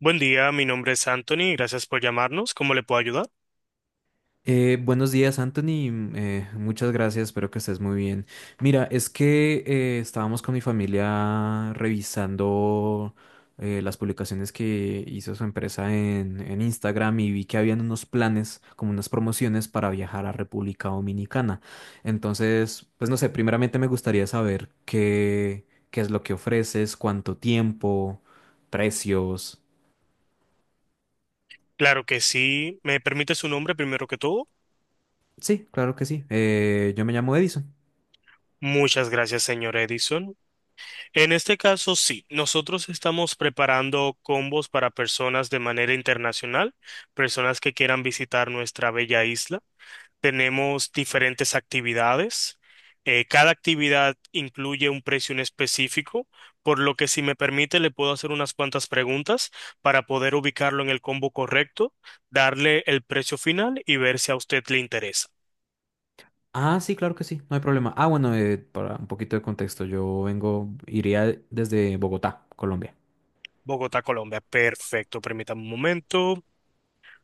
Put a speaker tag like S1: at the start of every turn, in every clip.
S1: Buen día, mi nombre es Anthony, y gracias por llamarnos. ¿Cómo le puedo ayudar?
S2: Buenos días, Anthony. Muchas gracias, espero que estés muy bien. Mira, es que estábamos con mi familia revisando las publicaciones que hizo su empresa en Instagram y vi que habían unos planes, como unas promociones para viajar a República Dominicana. Entonces, pues no sé, primeramente me gustaría saber qué es lo que ofreces, cuánto tiempo, precios.
S1: Claro que sí. ¿Me permite su nombre primero que todo?
S2: Sí, claro que sí. Yo me llamo Edison.
S1: Muchas gracias, señor Edison. En este caso, sí, nosotros estamos preparando combos para personas de manera internacional, personas que quieran visitar nuestra bella isla. Tenemos diferentes actividades. Cada actividad incluye un precio en específico, por lo que si me permite le puedo hacer unas cuantas preguntas para poder ubicarlo en el combo correcto, darle el precio final y ver si a usted le interesa.
S2: Ah, sí, claro que sí, no hay problema. Ah, bueno, para un poquito de contexto, iría desde Bogotá, Colombia.
S1: Bogotá, Colombia. Perfecto, permítame un momento.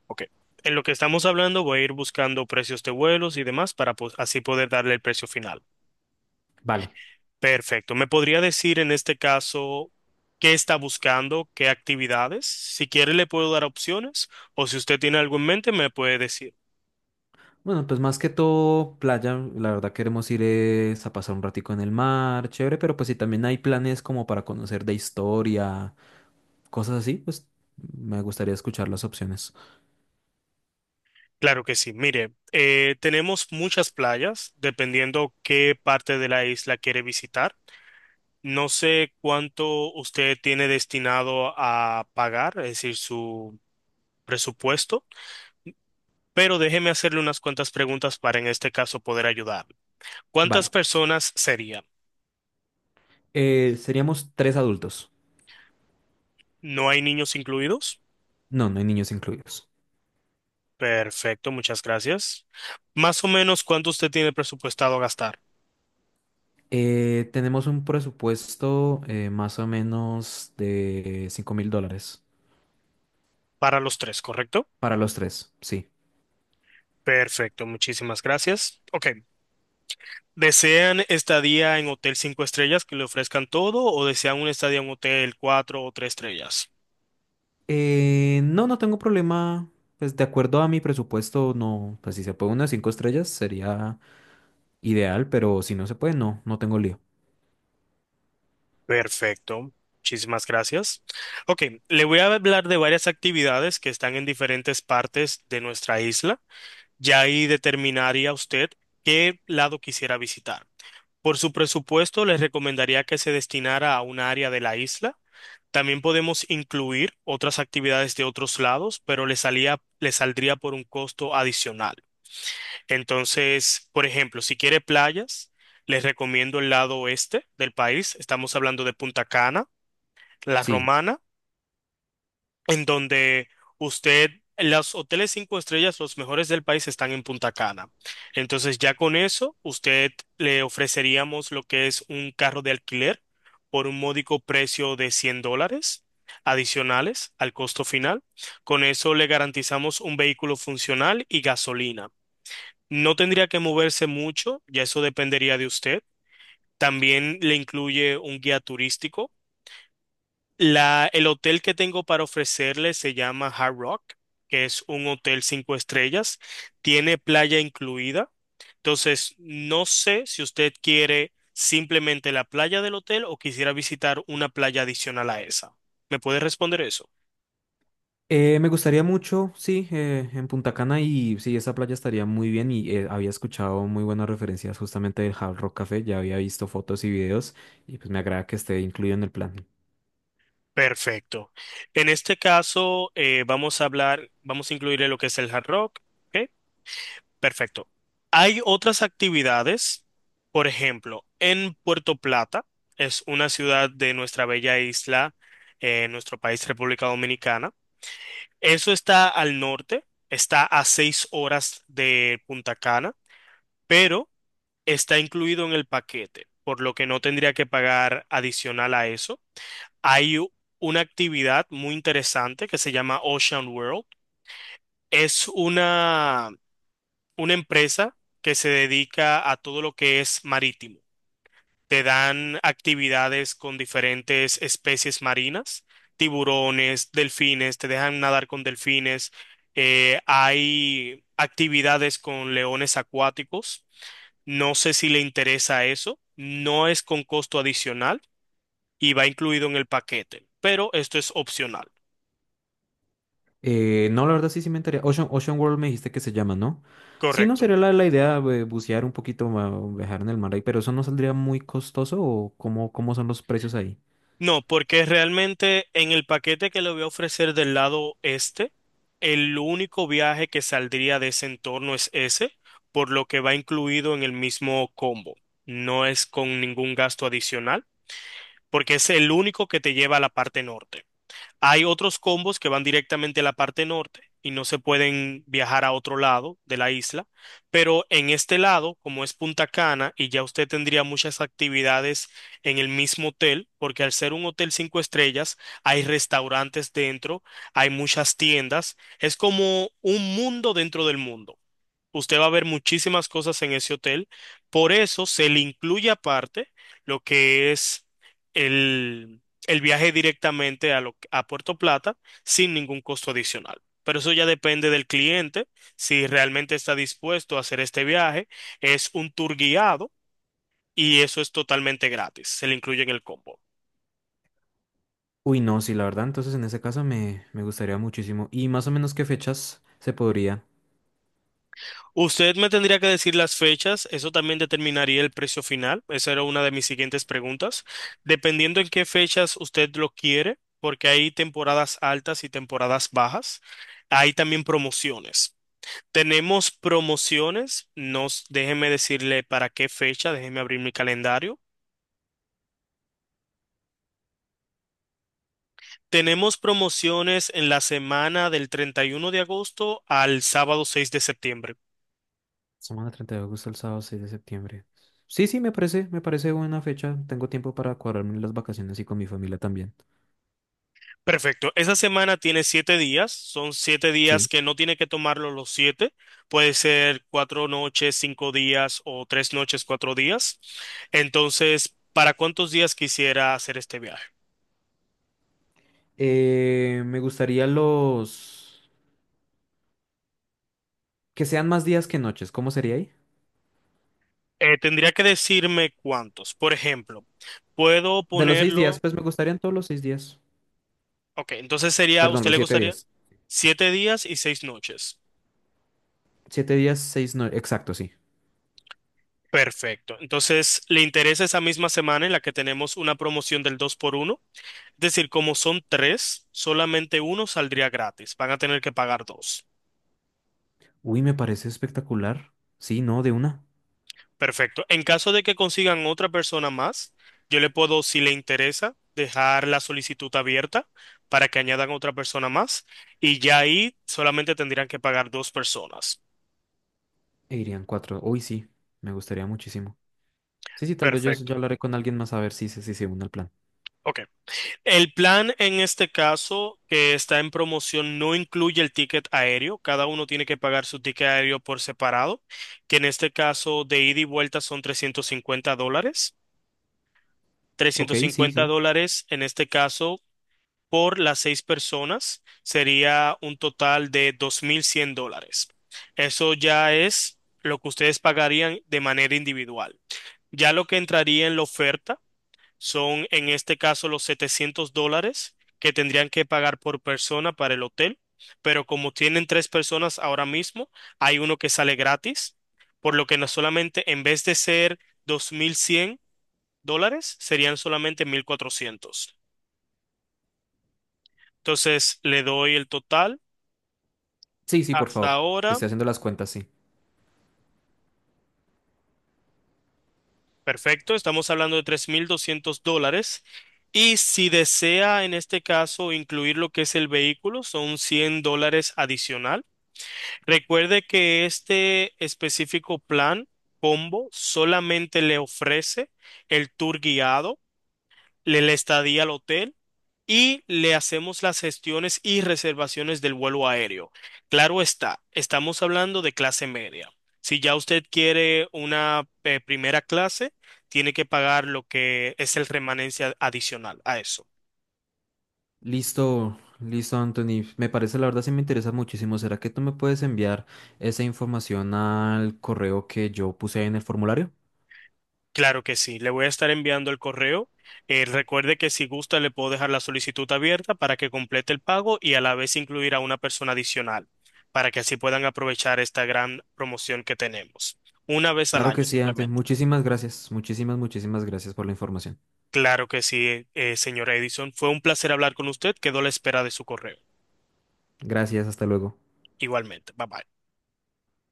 S1: Ok. En lo que estamos hablando voy a ir buscando precios de vuelos y demás para pues, así poder darle el precio final.
S2: Vale.
S1: Perfecto. ¿Me podría decir en este caso qué está buscando, qué actividades? Si quiere, le puedo dar opciones o si usted tiene algo en mente, me puede decir.
S2: Bueno, pues más que todo playa, la verdad queremos ir es a pasar un ratico en el mar, chévere, pero pues si también hay planes como para conocer de historia, cosas así, pues me gustaría escuchar las opciones.
S1: Claro que sí. Mire, tenemos muchas playas, dependiendo qué parte de la isla quiere visitar. No sé cuánto usted tiene destinado a pagar, es decir, su presupuesto, pero déjeme hacerle unas cuantas preguntas para en este caso poder ayudar. ¿Cuántas
S2: Vale.
S1: personas serían?
S2: Seríamos tres adultos.
S1: ¿No hay niños incluidos?
S2: No, no hay niños incluidos.
S1: Perfecto, muchas gracias. Más o menos cuánto usted tiene presupuestado gastar
S2: Tenemos un presupuesto más o menos de 5.000 dólares.
S1: para los tres, ¿correcto?
S2: Para los tres, sí.
S1: Perfecto, muchísimas gracias. Ok, ¿desean estadía en hotel cinco estrellas que le ofrezcan todo o desean una estadía en hotel cuatro o tres estrellas?
S2: No, no tengo problema. Pues de acuerdo a mi presupuesto, no. Pues si se puede unas cinco estrellas sería ideal, pero si no se puede, no, no tengo lío.
S1: Perfecto, muchísimas gracias. Ok, le voy a hablar de varias actividades que están en diferentes partes de nuestra isla. Ya ahí determinaría usted qué lado quisiera visitar. Por su presupuesto, les recomendaría que se destinara a un área de la isla. También podemos incluir otras actividades de otros lados, pero le salía, le saldría por un costo adicional. Entonces, por ejemplo, si quiere playas, les recomiendo el lado oeste del país. Estamos hablando de Punta Cana, La
S2: Sí.
S1: Romana, en donde usted, los hoteles cinco estrellas, los mejores del país están en Punta Cana. Entonces ya con eso, usted le ofreceríamos lo que es un carro de alquiler por un módico precio de 100 dólares adicionales al costo final. Con eso le garantizamos un vehículo funcional y gasolina. No tendría que moverse mucho, ya eso dependería de usted. También le incluye un guía turístico, el hotel que tengo para ofrecerle se llama Hard Rock, que es un hotel cinco estrellas. Tiene playa incluida. Entonces, no sé si usted quiere simplemente la playa del hotel o quisiera visitar una playa adicional a esa. ¿Me puede responder eso?
S2: Me gustaría mucho, sí, en Punta Cana y sí, esa playa estaría muy bien y había escuchado muy buenas referencias justamente del Hard Rock Café, ya había visto fotos y videos y pues me agrada que esté incluido en el plan.
S1: Perfecto. En este caso, vamos a incluirle lo que es el Hard Rock, ¿ok? Perfecto. Hay otras actividades, por ejemplo, en Puerto Plata. Es una ciudad de nuestra bella isla, nuestro país, República Dominicana. Eso está al norte, está a 6 horas de Punta Cana, pero está incluido en el paquete, por lo que no tendría que pagar adicional a eso. Hay una actividad muy interesante que se llama Ocean World. Es una empresa que se dedica a todo lo que es marítimo. Te dan actividades con diferentes especies marinas, tiburones, delfines, te dejan nadar con delfines. Hay actividades con leones acuáticos. No sé si le interesa eso. No es con costo adicional y va incluido en el paquete, pero esto es opcional.
S2: No, la verdad sí, sí me enteré. Ocean World me dijiste que se llama, ¿no? Sí, no
S1: Correcto.
S2: sería la idea bucear un poquito, viajar en el mar ahí, pero eso no saldría muy costoso o cómo son los precios ahí.
S1: No, porque realmente en el paquete que le voy a ofrecer del lado este, el único viaje que saldría de ese entorno es ese, por lo que va incluido en el mismo combo. No es con ningún gasto adicional, porque es el único que te lleva a la parte norte. Hay otros combos que van directamente a la parte norte y no se pueden viajar a otro lado de la isla, pero en este lado, como es Punta Cana, y ya usted tendría muchas actividades en el mismo hotel, porque al ser un hotel cinco estrellas, hay restaurantes dentro, hay muchas tiendas, es como un mundo dentro del mundo. Usted va a ver muchísimas cosas en ese hotel. Por eso se le incluye aparte lo que es el, el viaje directamente a Puerto Plata sin ningún costo adicional. Pero eso ya depende del cliente, si realmente está dispuesto a hacer este viaje. Es un tour guiado y eso es totalmente gratis. Se le incluye en el combo.
S2: Uy, no, sí, la verdad, entonces en ese caso me gustaría muchísimo. ¿Y más o menos qué fechas se podría?
S1: Usted me tendría que decir las fechas, eso también determinaría el precio final, esa era una de mis siguientes preguntas. Dependiendo en qué fechas usted lo quiere, porque hay temporadas altas y temporadas bajas, hay también promociones. Tenemos promociones, déjeme decirle para qué fecha, déjeme abrir mi calendario. Tenemos promociones en la semana del 31 de agosto al sábado 6 de septiembre.
S2: Semana 30 de agosto al sábado 6 de septiembre. Sí, sí, me parece buena fecha. Tengo tiempo para cuadrarme las vacaciones y con mi familia también.
S1: Perfecto. Esa semana tiene 7 días. Son 7 días
S2: Sí.
S1: que no tiene que tomarlo los siete. Puede ser 4 noches, 5 días o 3 noches, 4 días. Entonces, ¿para cuántos días quisiera hacer este viaje?
S2: Me gustaría los que sean más días que noches. ¿Cómo sería ahí?
S1: Tendría que decirme cuántos. Por ejemplo, puedo
S2: De los 6 días,
S1: ponerlo.
S2: pues me gustarían todos los 6 días.
S1: Ok, entonces sería,
S2: Perdón,
S1: ¿usted
S2: los
S1: le
S2: siete
S1: gustaría
S2: días.
S1: 7 días y 6 noches?
S2: Siete días, seis, no, exacto, sí.
S1: Perfecto. Entonces, ¿le interesa esa misma semana en la que tenemos una promoción del dos por uno? Es decir, como son tres, solamente uno saldría gratis. Van a tener que pagar dos.
S2: Uy, me parece espectacular. Sí, no, de una.
S1: Perfecto. En caso de que consigan otra persona más, yo le puedo, si le interesa, dejar la solicitud abierta para que añadan otra persona más y ya ahí solamente tendrían que pagar dos personas.
S2: E irían cuatro. Uy, sí, me gustaría muchísimo. Sí, sí, tal vez yo
S1: Perfecto.
S2: hablaré con alguien más a ver si, se une al plan.
S1: Ok. El plan en este caso que está en promoción no incluye el ticket aéreo. Cada uno tiene que pagar su ticket aéreo por separado, que en este caso de ida y vuelta son 350 dólares.
S2: Ok,
S1: Trescientos
S2: sí,
S1: cincuenta
S2: sí.
S1: dólares, en este caso, por las seis personas, sería un total de 2.100 dólares. Eso ya es lo que ustedes pagarían de manera individual. Ya lo que entraría en la oferta son, en este caso, los 700 dólares que tendrían que pagar por persona para el hotel, pero como tienen tres personas ahora mismo, hay uno que sale gratis, por lo que no solamente en vez de ser 2.100 dólares, serían solamente 1.400. Entonces, le doy el total
S2: Sí, sí, por
S1: hasta
S2: favor. Que
S1: ahora.
S2: esté haciendo las cuentas, sí.
S1: Perfecto, estamos hablando de 3.200 dólares. Y si desea en este caso incluir lo que es el vehículo, son 100 dólares adicional. Recuerde que este específico plan combo solamente le ofrece el tour guiado, le la estadía al hotel y le hacemos las gestiones y reservaciones del vuelo aéreo. Claro está, estamos hablando de clase media. Si ya usted quiere una primera clase, tiene que pagar lo que es el remanencia adicional a eso.
S2: Listo, listo, Anthony. Me parece, la verdad, sí me interesa muchísimo. ¿Será que tú me puedes enviar esa información al correo que yo puse ahí en el formulario?
S1: Claro que sí, le voy a estar enviando el correo. Recuerde que si gusta le puedo dejar la solicitud abierta para que complete el pago y a la vez incluir a una persona adicional, para que así puedan aprovechar esta gran promoción que tenemos. Una vez al
S2: Claro que
S1: año
S2: sí, antes.
S1: simplemente.
S2: Muchísimas gracias. Muchísimas, muchísimas gracias por la información.
S1: Claro que sí, señora Edison. Fue un placer hablar con usted. Quedo a la espera de su correo.
S2: Gracias, hasta luego.
S1: Igualmente. Bye bye.